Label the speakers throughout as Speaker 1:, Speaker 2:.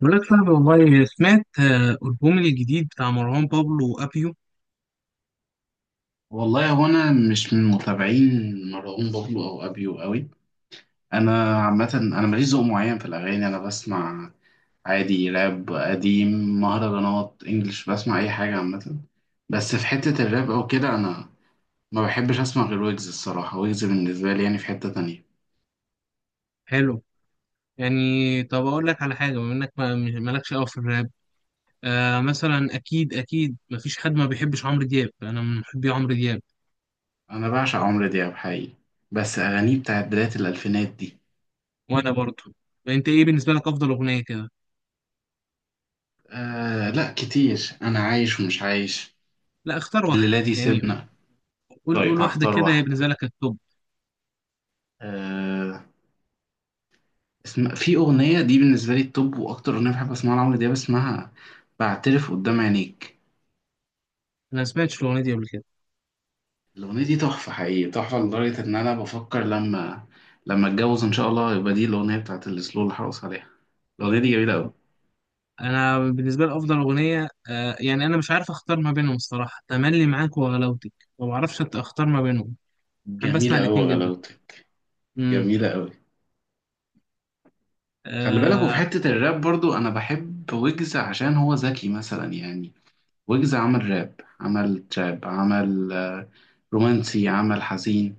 Speaker 1: بقول لك صاحبي والله سمعت ألبوم الجديد بتاع مروان بابلو وأبيو.
Speaker 2: والله هو انا مش من متابعين مروان بابلو او ابيو قوي. انا عامه، انا ماليش ذوق معين في الاغاني، انا بسمع عادي راب قديم، مهرجانات، انجلش، بسمع اي حاجه عامه. بس في حته الراب او كده انا ما بحبش اسمع غير ويجز الصراحه. ويجز بالنسبه لي يعني في حته تانية.
Speaker 1: حلو. يعني طب أقول لك على حاجة بما إنك مالكش أوي في الراب. آه مثلا أكيد أكيد مفيش حد ما بيحبش عمرو دياب، أنا من محبي عمرو دياب.
Speaker 2: انا بعشق عمرو دياب حقيقي، بس اغانيه بتاعت بدايه الالفينات دي.
Speaker 1: وأنا برضه. أنت إيه بالنسبة لك أفضل أغنية كده؟
Speaker 2: آه لا كتير، انا عايش ومش عايش،
Speaker 1: لا اختار واحدة
Speaker 2: الليله دي
Speaker 1: يعني.
Speaker 2: سيبنا.
Speaker 1: قول
Speaker 2: طيب
Speaker 1: قول واحدة
Speaker 2: هختار
Speaker 1: كده هي
Speaker 2: واحده.
Speaker 1: بالنسبة لك التوب.
Speaker 2: آه، اسم... في أغنية دي بالنسبة لي التوب، وأكتر أغنية بحب أسمعها لعمرو دياب اسمها بعترف قدام عينيك.
Speaker 1: أنا ما سمعتش الأغنية دي قبل كده.
Speaker 2: الأغنية دي تحفة حقيقي، تحفة لدرجة إن أنا بفكر لما أتجوز إن شاء الله يبقى دي الأغنية بتاعت السلو اللي هرقص عليها. الأغنية دي جميلة أوي.
Speaker 1: أنا بالنسبة لي أفضل أغنية يعني أنا مش عارف أختار ما بينهم الصراحة، تملي معاك وغلاوتك. ما بعرفش أختار ما بينهم. بحب أسمع
Speaker 2: جميلة أوي
Speaker 1: الاتنين جدا.
Speaker 2: غلاوتك.
Speaker 1: امم
Speaker 2: جميلة أوي. خلي بالك، وفي
Speaker 1: اه.
Speaker 2: حتة الراب برضو أنا بحب ويجز عشان هو ذكي مثلا يعني. ويجز عمل راب، عمل تراب، عمل رومانسي، عمل حزين،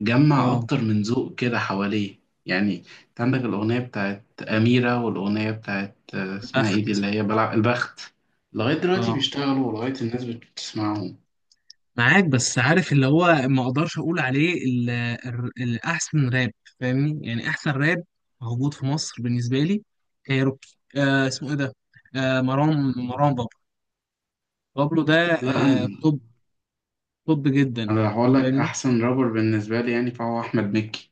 Speaker 2: جمع
Speaker 1: آه،
Speaker 2: أكتر من ذوق كده حواليه يعني. أنت عندك الأغنية بتاعت أميرة والأغنية بتاعت اسمها إيه دي
Speaker 1: اخت.
Speaker 2: اللي هي بلع البخت. لغاية دلوقتي
Speaker 1: اه
Speaker 2: بيشتغلوا، ولغاية الناس بتسمعهم.
Speaker 1: معاك، بس عارف اللي هو ما اقدرش اقول عليه الاحسن راب. فاهمني، يعني احسن راب موجود في مصر بالنسبه لي. كايروكي، اسمه ايه ده؟ آه مروان بابلو. بابلو ده.
Speaker 2: لا
Speaker 1: آه
Speaker 2: أنا،
Speaker 1: توب. توب جدا.
Speaker 2: أنا لو هقول لك
Speaker 1: فاهمني.
Speaker 2: أحسن رابر بالنسبة لي يعني فهو أحمد مكي.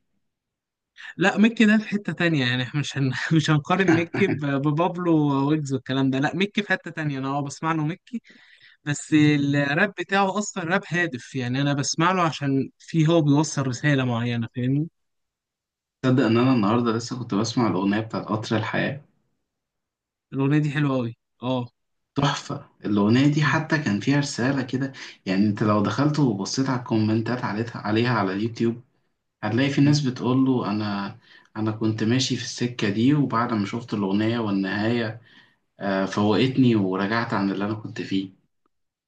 Speaker 1: لا ميكي ده في حته تانية، يعني احنا مش هن... مش هنقارن ميكي ببابلو ويجز والكلام ده. لا ميكي في حته تانية، انا اه بسمع له ميكي. بس الراب بتاعه اصلا راب هادف، يعني انا بسمع له عشان فيه هو بيوصل رساله معينه. فاهمني.
Speaker 2: تصدق إن أنا النهاردة لسه كنت بسمع الأغنية بتاعت قطر الحياة.
Speaker 1: الاغنيه دي حلوه قوي. اه.
Speaker 2: تحفة الأغنية دي،
Speaker 1: م-
Speaker 2: حتى كان فيها رسالة كده يعني. أنت لو دخلت وبصيت على الكومنتات عليها على اليوتيوب هتلاقي في
Speaker 1: م.
Speaker 2: ناس بتقول له انا، انا كنت ماشي في السكة دي، وبعد ما شفت الأغنية والنهاية فوقتني ورجعت عن اللي انا كنت فيه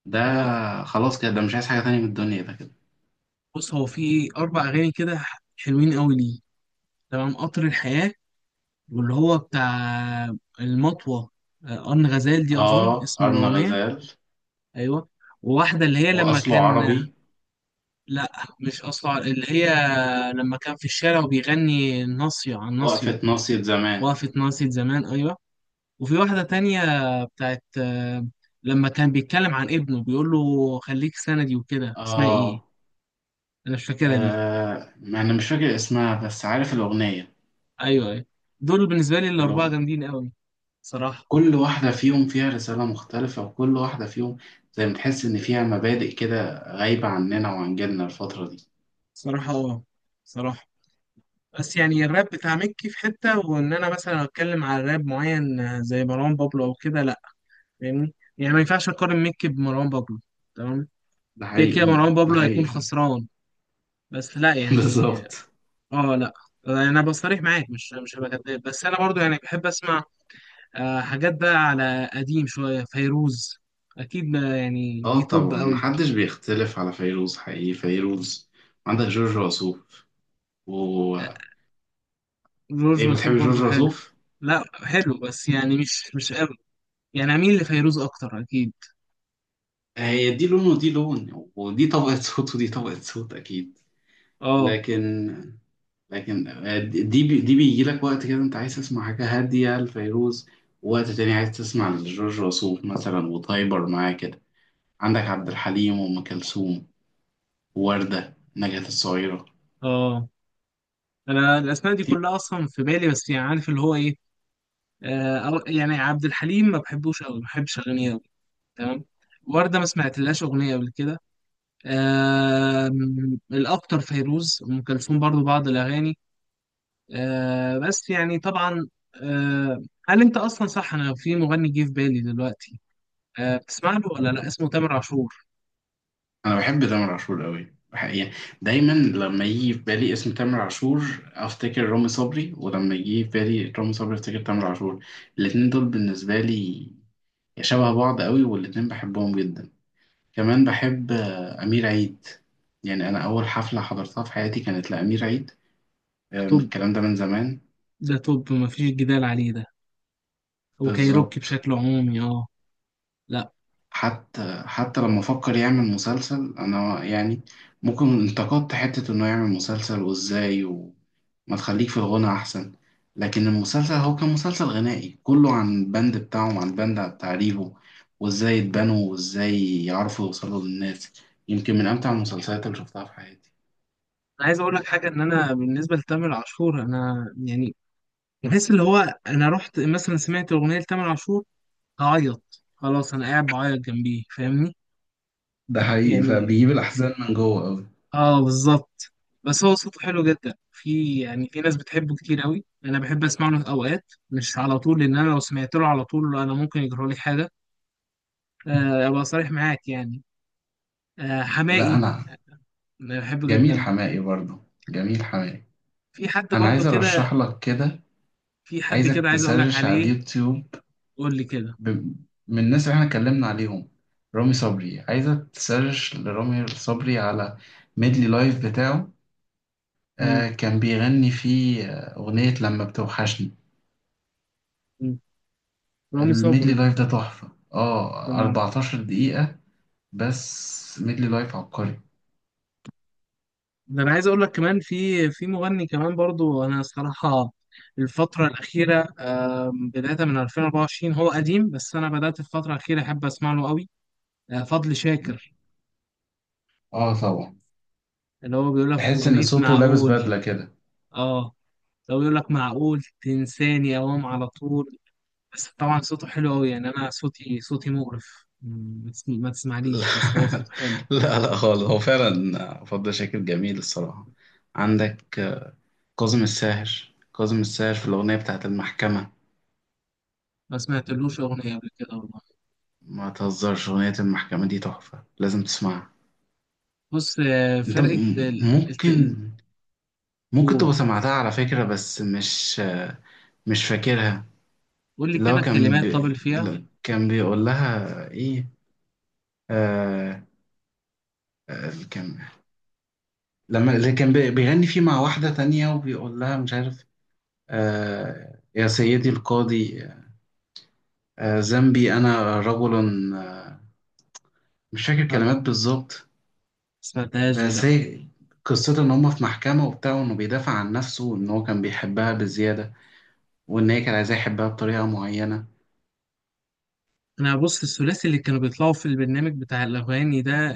Speaker 2: ده.
Speaker 1: هو-
Speaker 2: خلاص كده، ده مش عايز حاجة تانية من الدنيا ده كده.
Speaker 1: بص هو في اربع اغاني كده حلوين قوي ليه. تمام، قطر الحياه، واللي هو بتاع المطوه، ان غزال دي اظن
Speaker 2: اه،
Speaker 1: اسم
Speaker 2: أرنا
Speaker 1: الاغنيه.
Speaker 2: غزال.
Speaker 1: ايوه. وواحده اللي هي لما
Speaker 2: وأصله
Speaker 1: كان،
Speaker 2: عربي.
Speaker 1: لا مش اصلا اللي هي لما كان في الشارع وبيغني ناصيه عن ناصيه.
Speaker 2: وقفة ناصية زمان.
Speaker 1: وقفت ناصيه زمان، ايوه. وفي واحدة تانية بتاعت لما كان بيتكلم عن ابنه بيقول له خليك سندي وكده، اسمها ايه؟
Speaker 2: اه.
Speaker 1: انا مش فاكرها دي.
Speaker 2: ما انا مش فاكر اسمها بس عارف الأغنية.
Speaker 1: ايوه ايوه. دول بالنسبة لي الأربعة
Speaker 2: اللي
Speaker 1: جامدين قوي. صراحة.
Speaker 2: كل واحدة فيهم فيها رسالة مختلفة، وكل واحدة فيهم زي ما تحس إن فيها مبادئ كده غايبة عننا وعن جيلنا الفترة دي.
Speaker 1: صراحة اه. صراحة. بس يعني الراب بتاع مكي في حتة، وإن أنا مثلا أتكلم على راب معين زي مروان بابلو أو كده لأ. فاهمني، يعني ما ينفعش أقارن مكي بمروان بابلو. تمام.
Speaker 2: ده
Speaker 1: كده
Speaker 2: حقيقي.
Speaker 1: كده مروان
Speaker 2: ده
Speaker 1: بابلو
Speaker 2: حقيقي
Speaker 1: هيكون
Speaker 2: فعلا.
Speaker 1: خسران. بس لأ يعني.
Speaker 2: بالظبط.
Speaker 1: اه لأ. أنا بصريح معاك، مش هبقى كداب، بس أنا برضو يعني بحب أسمع حاجات بقى على قديم شوية، فيروز. أكيد ما يعني دي
Speaker 2: اه
Speaker 1: توب
Speaker 2: طبعا
Speaker 1: قوي.
Speaker 2: محدش بيختلف على فيروز حقيقي، فيروز. عندك جورج وسوف، و...
Speaker 1: آه، جورج
Speaker 2: ايه،
Speaker 1: وسوف
Speaker 2: بتحب
Speaker 1: برضو
Speaker 2: جورج
Speaker 1: حلو.
Speaker 2: وسوف؟
Speaker 1: لا حلو بس يعني مش قوي، يعني أميل لفيروز أكتر أكيد.
Speaker 2: هي دي لون ودي لون، ودي طبقة صوت ودي طبقة صوت اكيد.
Speaker 1: اه.
Speaker 2: لكن، لكن دي بي... دي بيجي لك وقت كده انت عايز تسمع حاجة هادية لفيروز، ووقت تاني عايز تسمع لجورج وسوف مثلا وتايبر معاه كده. عندك عبد الحليم وأم كلثوم، ووردة، نجاة الصغيرة.
Speaker 1: اه. أنا الأسماء دي
Speaker 2: في...
Speaker 1: كلها أصلا في بالي، بس يعني عارف اللي هو إيه. يعني عبد الحليم ما بحبوش قوي، ما بحبش أغانيه قوي. تمام. وردة ما سمعتلهاش أغنية قبل كده. آه. الأكتر فيروز، أم كلثوم برضو بعض الأغاني. آه بس يعني طبعا. آه. هل انت اصلا صح، انا في مغني جه في بالي دلوقتي بتسمع له ولا لا، اسمه تامر عاشور.
Speaker 2: انا بحب تامر عاشور قوي يعني. دايما لما يجي في بالي اسم تامر عاشور افتكر رامي صبري، ولما يجي في بالي رامي صبري افتكر تامر عاشور. الاتنين دول بالنسبه لي شبه بعض قوي، والاتنين بحبهم جدا. كمان بحب امير عيد. يعني انا اول حفله حضرتها في حياتي كانت لامير عيد،
Speaker 1: ده
Speaker 2: من
Speaker 1: توب.
Speaker 2: الكلام ده من زمان.
Speaker 1: ده توب مفيش جدال عليه ده. وكايروكي
Speaker 2: بالظبط.
Speaker 1: بشكل عمومي اه. لا
Speaker 2: حتى لما فكر يعمل مسلسل انا يعني ممكن انتقدت حتة انه يعمل مسلسل وازاي، وما تخليك في الغنى احسن. لكن المسلسل هو كان مسلسل غنائي كله عن البند بتاعهم، عن البند بتاع ريفو، وازاي اتبنوا وازاي يعرفوا يوصلوا للناس. يمكن من امتع المسلسلات اللي شفتها في حياتي.
Speaker 1: انا عايز اقول لك حاجه، ان انا بالنسبه لتامر عاشور انا يعني بحس اللي هو، انا رحت مثلا سمعت اغنيه لتامر عاشور هعيط، خلاص انا قاعد بعيط جنبيه. فاهمني
Speaker 2: ده حقيقي،
Speaker 1: يعني.
Speaker 2: فبيجيب الأحزان من جوه أوي.
Speaker 1: اه بالظبط. بس هو صوته حلو جدا، في يعني في ناس بتحبه كتير قوي، انا بحب اسمع له اوقات مش على طول، لان انا لو سمعت له على طول انا ممكن يجرى لي حاجه. ابقى صريح معاك يعني.
Speaker 2: لا
Speaker 1: حماقي،
Speaker 2: أنا،
Speaker 1: أنا بحبه
Speaker 2: جميل
Speaker 1: جدا.
Speaker 2: حمائي برضه، جميل حمائي.
Speaker 1: في حد
Speaker 2: أنا
Speaker 1: برضو
Speaker 2: عايز
Speaker 1: كده.
Speaker 2: أرشح لك كده،
Speaker 1: في حد
Speaker 2: عايزك
Speaker 1: كده عايز اقول لك
Speaker 2: تسرش على
Speaker 1: عليه.
Speaker 2: اليوتيوب.
Speaker 1: قول لي كده.
Speaker 2: ب... من الناس اللي احنا اتكلمنا عليهم، رامي صبري، عايزة تسيرش لرامي صبري على ميدلي لايف بتاعه. آه
Speaker 1: امم
Speaker 2: كان بيغني فيه أغنية لما بتوحشني.
Speaker 1: رامي صبري.
Speaker 2: الميدلي لايف ده تحفة، اه 14 دقيقة، بس ميدلي لايف عبقري.
Speaker 1: ده انا عايز اقول لك كمان، في مغني كمان برضو، انا الصراحه الفتره الاخيره بدايه من 2024 هو قديم بس انا بدات الفتره الاخيره احب اسمع له قوي. فضل شاكر،
Speaker 2: اه طبعا.
Speaker 1: اللي هو بيقول لك في
Speaker 2: تحس ان
Speaker 1: اغنيه
Speaker 2: صوته لابس
Speaker 1: معقول.
Speaker 2: بدلة كده.
Speaker 1: اه. لو بيقول لك معقول تنساني اوام على طول. بس طبعا صوته حلو قوي يعني، انا صوتي مقرف، ما تسمعنيش، بس هو صوته حلو.
Speaker 2: لا لا لا خالص، هو فعلا فضل شاكر جميل الصراحة. عندك كاظم الساهر. كاظم الساهر في الأغنية بتاعت المحكمة،
Speaker 1: ما سمعتلوش اغنيه قبل كده والله.
Speaker 2: ما تهزرش، أغنية المحكمة دي تحفة لازم تسمعها.
Speaker 1: بص
Speaker 2: أنت
Speaker 1: فرقه
Speaker 2: ممكن، ممكن
Speaker 1: قول
Speaker 2: تبقى سمعتها على فكرة، بس مش فاكرها.
Speaker 1: قول لي
Speaker 2: اللي
Speaker 1: كده
Speaker 2: هو
Speaker 1: الكلمات طب اللي فيها.
Speaker 2: اللي كان بيقول لها إيه؟ آه... آه... كان... لما اللي بيغني فيه مع واحدة تانية وبيقول لها مش عارف، آه... يا سيدي القاضي، آه... ذنبي أنا رجل آه... مش فاكر
Speaker 1: لا ما
Speaker 2: كلمات بالظبط.
Speaker 1: سمعتهاش دي لا.
Speaker 2: بس هي قصته ان هما في محكمة وبتاع، وانه بيدافع عن نفسه، وان هو كان بيحبها بزيادة، وان هي كان عايزاه يحبها بطريقة معينة.
Speaker 1: انا بص الثلاثي اللي كانوا بيطلعوا في البرنامج بتاع الاغاني ده،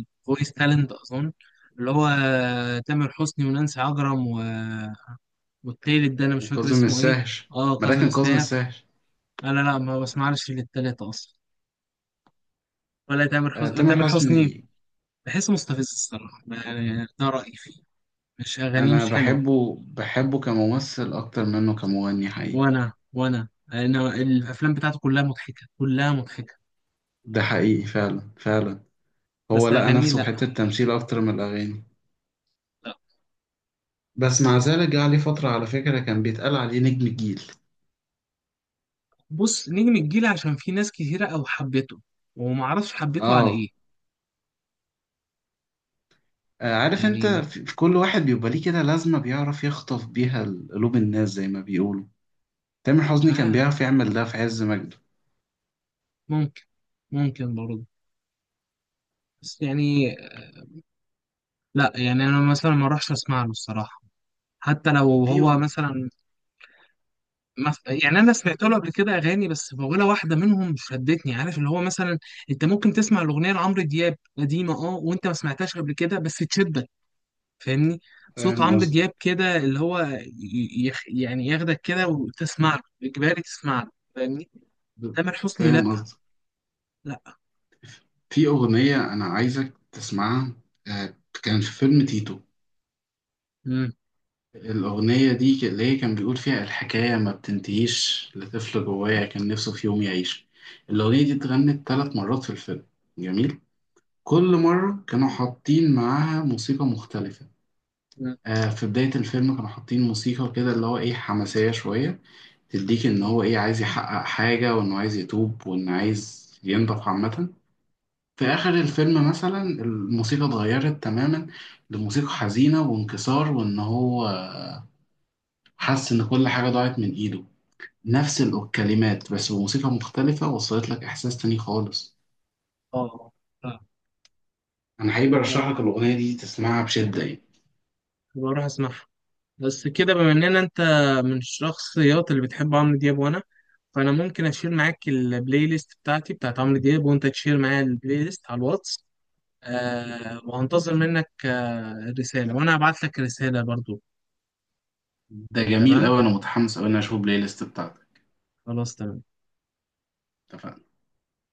Speaker 1: الفويس تالنت اظن، اللي هو تامر حسني ونانسي عجرم و... والتالت ده انا مش فاكر
Speaker 2: وكاظم
Speaker 1: اسمه ايه.
Speaker 2: الساهر.
Speaker 1: اه
Speaker 2: ما ده
Speaker 1: كاظم
Speaker 2: كان كاظم
Speaker 1: الساهر.
Speaker 2: الساهر.
Speaker 1: لا لا لا ما بسمعش للتلاتة اصلا. ولا تامر
Speaker 2: آه
Speaker 1: حسني.
Speaker 2: تامر
Speaker 1: تامر حسني
Speaker 2: حسني.
Speaker 1: بحسه مستفز الصراحه، يعني ده رايي فيه، مش اغانيه
Speaker 2: انا
Speaker 1: مش حلوه.
Speaker 2: بحبه، بحبه كممثل اكتر منه كمغني حقيقي.
Speaker 1: وانا انا الافلام بتاعته كلها مضحكه، كلها مضحكه.
Speaker 2: ده حقيقي فعلا، فعلا. هو
Speaker 1: بس
Speaker 2: لقى
Speaker 1: اغانيه
Speaker 2: نفسه في
Speaker 1: لا.
Speaker 2: حتة تمثيل اكتر من الاغاني، بس مع ذلك جه عليه فترة على فكرة كان بيتقال عليه نجم الجيل.
Speaker 1: بص نجم الجيل عشان في ناس كتيرة أو حبته، ومعرفش حبته على
Speaker 2: اه،
Speaker 1: إيه.
Speaker 2: عارف انت،
Speaker 1: يعني
Speaker 2: في كل واحد بيبقى ليه كده لازمة بيعرف يخطف بيها قلوب الناس زي ما بيقولوا. تامر حسني كان
Speaker 1: آه.
Speaker 2: بيعرف يعمل ده في عز مجده.
Speaker 1: ممكن. ممكن برضه. بس يعني لا، يعني أنا مثلا ما أروحش أسمع له الصراحة. حتى لو
Speaker 2: في
Speaker 1: هو
Speaker 2: أغنية،
Speaker 1: مثلا يعني أنا سمعت له قبل كده أغاني، بس ولا واحدة منهم شدتني. عارف اللي هو مثلا أنت ممكن تسمع الأغنية لعمرو دياب قديمة أه وأنت ما سمعتهاش قبل كده بس تشدك. فاهمني. صوت
Speaker 2: فاهم
Speaker 1: عمرو
Speaker 2: قصدي.
Speaker 1: دياب كده اللي هو يعني ياخدك كده وتسمع له إجباري تسمع له. فاهمني. تامر حسني
Speaker 2: فاهم
Speaker 1: لا.
Speaker 2: قصدي.
Speaker 1: لا.
Speaker 2: في أغنية أنا عايزك تسمعها. آه، كان في فيلم تيتو.
Speaker 1: مم.
Speaker 2: الأغنية دي اللي هي كان بيقول فيها الحكاية ما بتنتهيش، لطفل جوايا كان نفسه في يوم يعيش. الأغنية دي اتغنت 3 مرات في الفيلم، جميل. كل مرة كانوا حاطين معاها موسيقى مختلفة.
Speaker 1: مم.
Speaker 2: في بداية الفيلم كانوا حاطين موسيقى كده اللي هو ايه حماسية شوية، تديك ان
Speaker 1: مم.
Speaker 2: هو ايه عايز يحقق حاجة وانه عايز يتوب وانه عايز ينضف عامة. في اخر الفيلم مثلا الموسيقى اتغيرت تماما لموسيقى حزينة وانكسار، وان هو حس ان كل حاجة ضاعت من ايده. نفس الكلمات بس بموسيقى مختلفة وصلت لك احساس تاني خالص.
Speaker 1: اه اه.
Speaker 2: انا حقيقي برشح
Speaker 1: آه.
Speaker 2: لك الاغنية دي تسمعها بشدة يعني.
Speaker 1: بروح اسمعها. بس كده بما اننا انت من الشخصيات اللي بتحب عمرو دياب وانا، فانا ممكن اشير معاك البلاي ليست بتاعتي بتاعت عمرو دياب، وانت تشير معايا البلاي ليست على الواتس. آه وهنتظر منك آه رسالة، وانا هبعت لك رسالة برضو.
Speaker 2: ده جميل
Speaker 1: تمام.
Speaker 2: اوي، انا متحمس اوي ان أنا اشوف البلاي ليست بتاعتك.
Speaker 1: خلاص تمام.
Speaker 2: اتفقنا.